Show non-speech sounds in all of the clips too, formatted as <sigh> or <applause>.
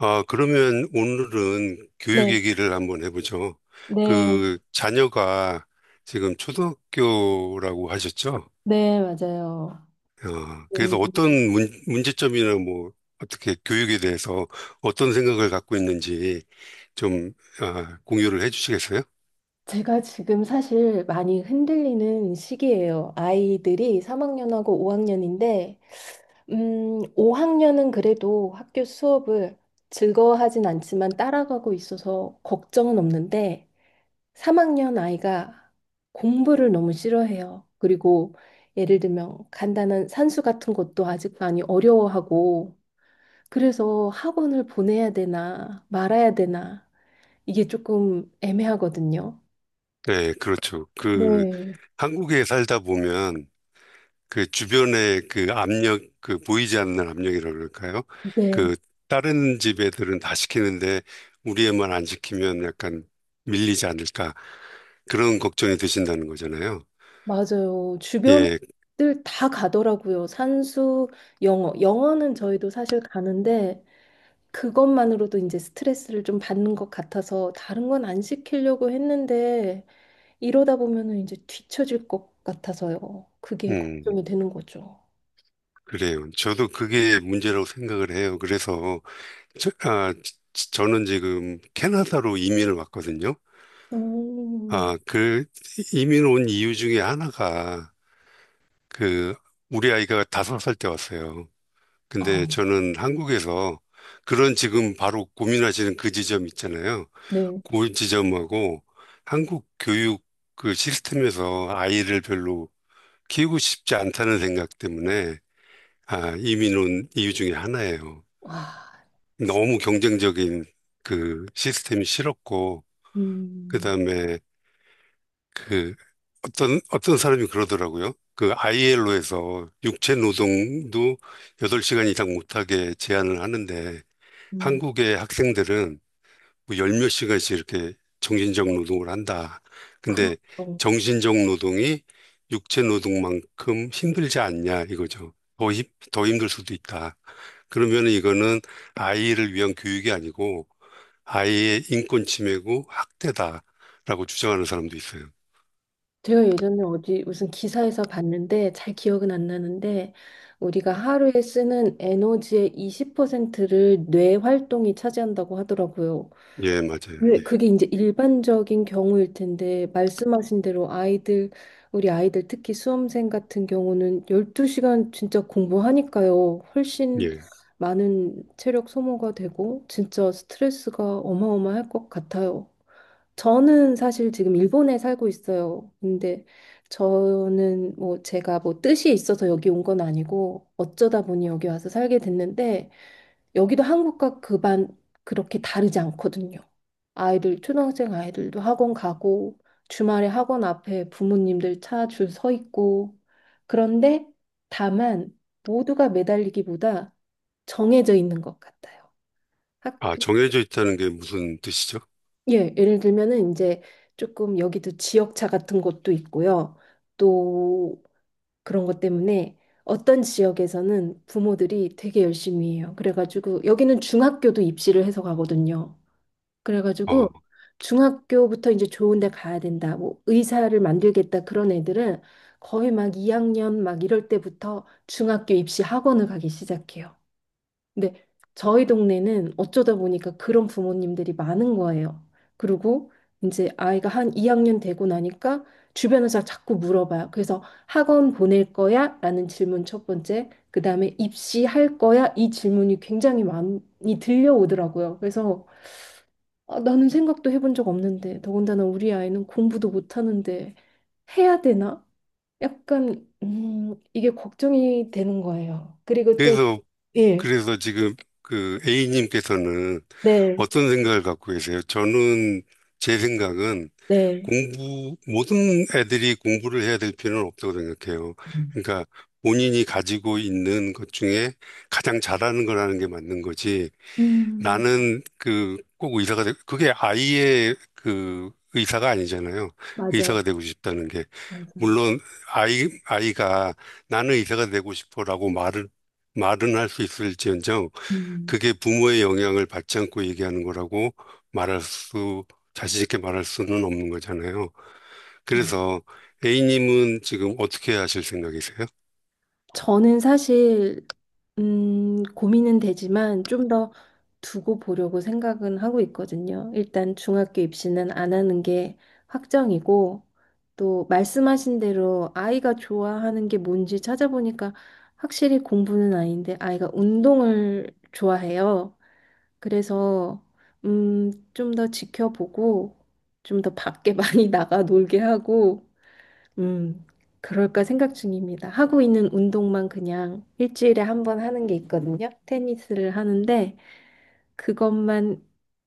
아, 그러면 오늘은 교육 네, 얘기를 한번 해보죠. 네, 그 자녀가 지금 초등학교라고 하셨죠? 네, 맞아요. 음, 그래서 어떤 문제점이나 뭐 어떻게 교육에 대해서 어떤 생각을 갖고 있는지 좀 공유를 해주시겠어요? 제가 지금 사실 많이 흔들리는 시기예요. 아이들이 3학년하고 5학년인데, 5학년은 그래도 학교 수업을 즐거워하진 않지만 따라가고 있어서 걱정은 없는데, 3학년 아이가 공부를 너무 싫어해요. 그리고 예를 들면 간단한 산수 같은 것도 아직 많이 어려워하고, 그래서 학원을 보내야 되나 말아야 되나 이게 조금 애매하거든요. 네, 그렇죠. 그 네, 한국에 살다 보면 그 주변의 그 압력, 그 보이지 않는 압력이라 그럴까요? 네, 그 다른 집 애들은 다 시키는데 우리 애만 안 시키면 약간 밀리지 않을까 그런 걱정이 드신다는 거잖아요. 맞아요. 예, 주변들 다 가더라고요. 산수, 영어. 영어는 저희도 사실 가는데 그것만으로도 이제 스트레스를 좀 받는 것 같아서 다른 건 안 시키려고 했는데 이러다 보면은 이제 뒤처질 것 같아서요. 그게 음, 걱정이 되는 거죠. 그래요. 저도 그게 문제라고 생각을 해요. 그래서 저, 아, 저는 지금 캐나다로 이민을 왔거든요. 음, 그 이민 온 이유 중에 하나가 그 우리 아이가 5살 때 왔어요. 아, 근데 저는 한국에서 그런 지금 바로 고민하시는 그 지점 있잖아요. 네. 그 지점하고 한국 교육 그 시스템에서 아이를 별로 키우고 싶지 않다는 생각 때문에 이민 온 이유 중에 하나예요. 와, 너무 경쟁적인 그 시스템이 싫었고, 그 음, 다음에 그 어떤 사람이 그러더라고요. 그 ILO에서 육체 노동도 8시간 이상 못하게 제한을 하는데 음, 한국의 학생들은 뭐열 몇 시간씩 이렇게 정신적 노동을 한다. 근데 그렇죠. 정신적 노동이 육체 노동만큼 힘들지 않냐 이거죠. 더 힘들 수도 있다. 그러면 이거는 아이를 위한 교육이 아니고 아이의 인권 침해고 학대다라고 주장하는 사람도 있어요. 제가 예전에 어디 무슨 기사에서 봤는데 잘 기억은 안 나는데 우리가 하루에 쓰는 에너지의 20%를 뇌 활동이 차지한다고 하더라고요. 예, 맞아요. 근데 그게 이제 일반적인 경우일 텐데 말씀하신 대로 아이들 우리 아이들 특히 수험생 같은 경우는 12시간 진짜 공부하니까요. 예, 훨씬 예. 많은 체력 소모가 되고 진짜 스트레스가 어마어마할 것 같아요. 저는 사실 지금 일본에 살고 있어요. 근데 저는 뭐 제가 뭐 뜻이 있어서 여기 온 건 아니고 어쩌다 보니 여기 와서 살게 됐는데 여기도 한국과 그 반 그렇게 다르지 않거든요. 초등학생 아이들도 학원 가고 주말에 학원 앞에 부모님들 차 줄 서 있고 그런데 다만 모두가 매달리기보다 정해져 있는 것 같아요. 아, 정해져 있다는 게 무슨 뜻이죠? 예, 예를 들면은 이제 조금 여기도 지역차 같은 곳도 있고요. 또 그런 것 때문에 어떤 지역에서는 부모들이 되게 열심히 해요. 그래가지고 여기는 중학교도 입시를 해서 가거든요. 어. 그래가지고 중학교부터 이제 좋은 데 가야 된다. 뭐 의사를 만들겠다 그런 애들은 거의 막 2학년 막 이럴 때부터 중학교 입시 학원을 가기 시작해요. 근데 저희 동네는 어쩌다 보니까 그런 부모님들이 많은 거예요. 그리고 이제 아이가 한 2학년 되고 나니까 주변에서 자꾸 물어봐요. 그래서 학원 보낼 거야? 라는 질문 첫 번째, 그 다음에 입시할 거야? 이 질문이 굉장히 많이 들려오더라고요. 그래서 아, 나는 생각도 해본 적 없는데, 더군다나 우리 아이는 공부도 못하는데 해야 되나? 약간 이게 걱정이 되는 거예요. 그리고 또 그래서 예, 그래서 지금 그 A님께서는 네, 어떤 생각을 갖고 계세요? 저는 제 생각은 네. 모든 애들이 공부를 해야 될 필요는 없다고 생각해요. 음, 그러니까 본인이 가지고 있는 것 중에 가장 잘하는 거라는 게 맞는 거지. 음, 나는 그 꼭 의사가 되 그게 아이의 그 의사가 아니잖아요. 맞아요, 의사가 되고 싶다는 게. 맞아요. 물론 아이가 나는 의사가 되고 싶어라고 말을 말은 할 수 있을지언정 음, 그게 부모의 영향을 받지 않고 얘기하는 거라고 말할 수 자신 있게 말할 수는 없는 거잖아요. 맞 그래서 A님은 지금 어떻게 하실 생각이세요? 저는 사실, 고민은 되지만 좀 더 두고 보려고 생각은 하고 있거든요. 일단 중학교 입시는 안 하는 게 확정이고, 또 말씀하신 대로 아이가 좋아하는 게 뭔지 찾아보니까 확실히 공부는 아닌데 아이가 운동을 좋아해요. 그래서, 좀 더 지켜보고, 좀 더 밖에 <laughs> 많이 나가 놀게 하고, 음, 그럴까 생각 중입니다. 하고 있는 운동만 그냥 일주일에 한 번 하는 게 있거든요. 테니스를 하는데 그것만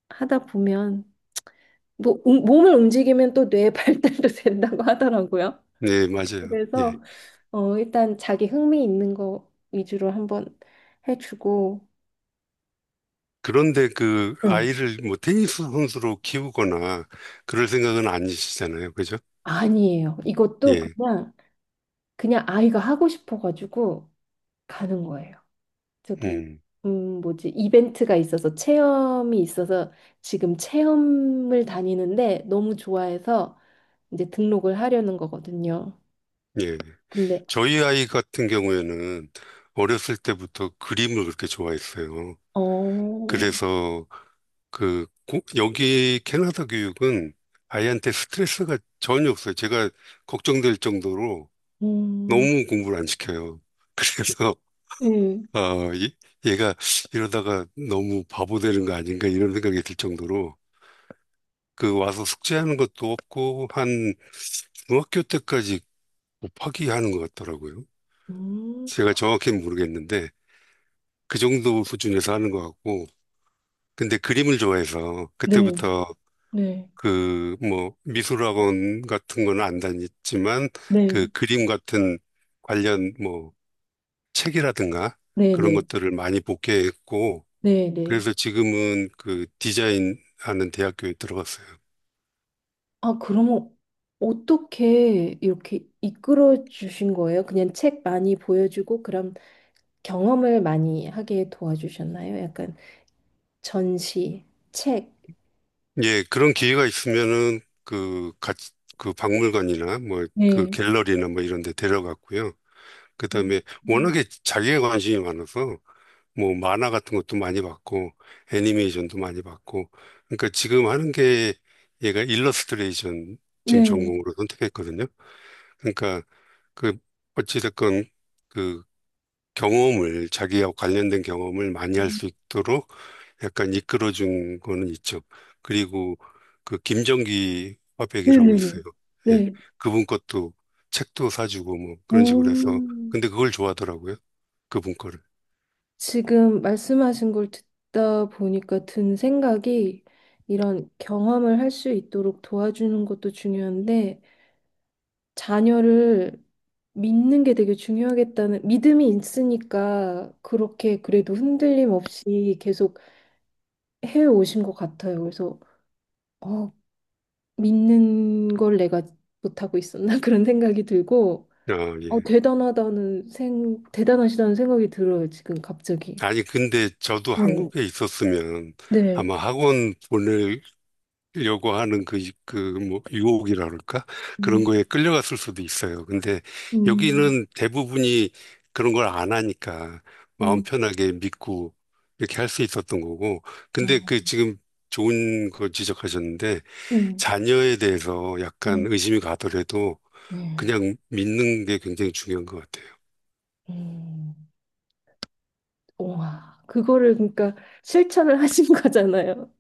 하다 보면 뭐 몸을 움직이면 또 뇌 발달도 <laughs> 된다고 하더라고요. 네, 맞아요. 그래서 예. 일단 자기 흥미 있는 거 위주로 한번 해주고 그런데 그 네. 아이를 뭐 테니스 선수로 키우거나 그럴 생각은 아니시잖아요. 그죠? 아니에요. 이것도 예. 그냥 아이가 하고 싶어가지고 가는 거예요. 저기 음. 뭐지 이벤트가 있어서 체험이 있어서 지금 체험을 다니는데 너무 좋아해서 이제 등록을 하려는 거거든요. 예. 근데 저희 아이 같은 경우에는 어렸을 때부터 그림을 그렇게 좋아했어요. 어, 그래서 여기 캐나다 교육은 아이한테 스트레스가 전혀 없어요. 제가 걱정될 정도로 음, 너무 공부를 안 시켜요. 그래서 <laughs> 네, 어, 이- 얘가 이러다가 너무 바보 되는 거 아닌가 이런 생각이 들 정도로 그 와서 숙제하는 것도 없고 한 중학교 때까지 곱하기 하는 것 같더라고요. 음, 제가 정확히는 모르겠는데 그 정도 수준에서 하는 것 같고, 근데 그림을 좋아해서 네, 그때부터 네, 그 뭐 미술학원 같은 건 안 다녔지만 그 네, 그림 같은 관련 뭐 책이라든가 네, 그런 네, 것들을 많이 복귀했고, 네, 네. 그래서 지금은 그 디자인 하는 대학교에 들어갔어요. 아, 그러면 어떻게 이렇게 이끌어 주신 거예요? 그냥 책 많이 보여주고 그럼 경험을 많이 하게 도와주셨나요? 약간 전시, 책. 예, 그런 기회가 있으면은 그 같이 그 박물관이나 뭐 그 갤러리나 뭐 이런 데 데려갔고요. 음. 그다음에 워낙에 자기의 관심이 많아서 뭐 만화 같은 것도 많이 봤고, 애니메이션도 많이 봤고, 그러니까 지금 하는 게 얘가 일러스트레이션 지금 네. 전공으로 선택했거든요. 그러니까 그 어찌됐건 그 자기와 관련된 경험을 많이 할 수 있도록 약간 이끌어준 거는 있죠. 그리고 그 김정기 화백이라고 네네네. 있어요. 예. 네. 그분 것도 책도 사주고 뭐 그런 식으로 해서. 음, 근데 그걸 좋아하더라고요. 그분 거를. 지금 말씀하신 걸 듣다 보니까 든 생각이 이런 경험을 할 수 있도록 도와주는 것도 중요한데 자녀를 믿는 게 되게 중요하겠다는 믿음이 있으니까 그렇게 그래도 흔들림 없이 계속 해 오신 것 같아요. 그래서 어, 믿는 걸 내가 못하고 있었나 <laughs> 그런 생각이 들고 아, 예. 대단하시다는 생각이 들어요, 지금 갑자기. 아니, 근데 저도 네, 한국에 있었으면 네. 아마 학원 보낼 요구하는 유혹이라 그럴까? 그런 음, 거에 끌려갔을 수도 있어요. 근데 음, 여기는 대부분이 그런 걸 안 하니까 마음 네. 편하게 믿고 이렇게 할 수 있었던 거고. 근데 그 어, 지금 좋은 거 지적하셨는데 음, 자녀에 대해서 약간 네. 의심이 가더라도 예. 그냥 믿는 게 굉장히 중요한 것 같아요. 음, 와, 그거를 그러니까 실천을 하신 <laughs> 거잖아요.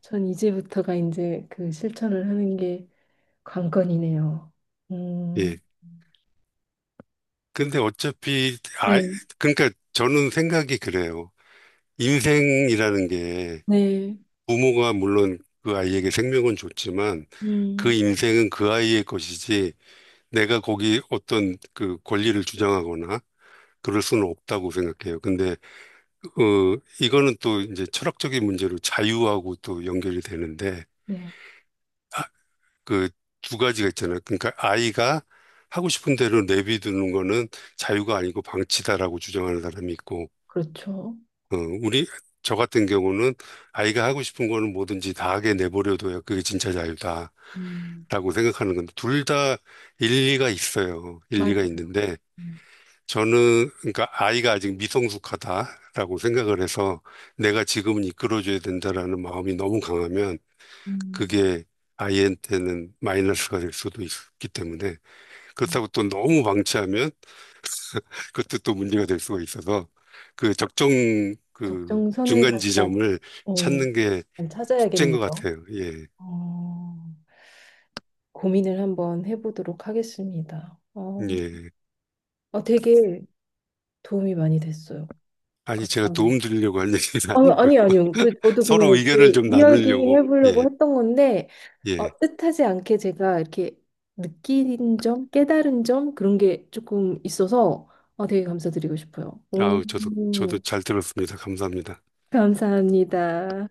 전 이제부터가 이제 그 실천을 하는 게 관건이네요. 음, 예. 근데 네, 그러니까 저는 생각이 그래요. 인생이라는 게 네, 부모가 물론 그 아이에게 생명은 줬지만 그 음, 인생은 그 아이의 것이지 내가 거기 어떤 그 권리를 주장하거나 그럴 수는 없다고 생각해요. 근데 이거는 또 이제 철학적인 문제로 자유하고 또 연결이 되는데 네. 그 두 가지가 있잖아요. 그러니까 아이가 하고 싶은 대로 내비두는 거는 자유가 아니고 방치다라고 주장하는 사람이 있고, 그렇죠. 어, 우리, 저 같은 경우는 아이가 하고 싶은 거는 뭐든지 다 하게 내버려둬야 그게 진짜 자유다 음, 라고 생각하는 건데, 둘 다 일리가 있어요. 일리가 맞아. 있는데, 음, 그러니까 아이가 아직 미성숙하다라고 생각을 해서 내가 지금은 이끌어줘야 된다라는 마음이 너무 강하면 음. 그게 아이한테는 마이너스가 될 수도 있기 때문에, 그렇다고 또 너무 방치하면 그것도 또 문제가 될 수가 있어서 그 적정 그 적정선을 중간 갖다, 지점을 예. 찾는 게 잘 숙제인 것 찾아야겠네요. 같아요. 예. 어, 고민을 한번 해보도록 하겠습니다. 예. 아, 되게 도움이 많이 됐어요. 아니, 제가 도움 감사합니다. 드리려고 할 얘기는 아, 아니고요. 아니, 아니요. 그, <laughs> 저도 서로 그냥 의견을 그 좀 이야기 나누려고. 해보려고 예. 했던 건데, 예. 뜻하지 않게 제가 이렇게 느낀 점, 깨달은 점, 그런 게 조금 있어서 되게 감사드리고 싶어요. 오, 아우, 저도 잘 들었습니다. 감사합니다. 감사합니다.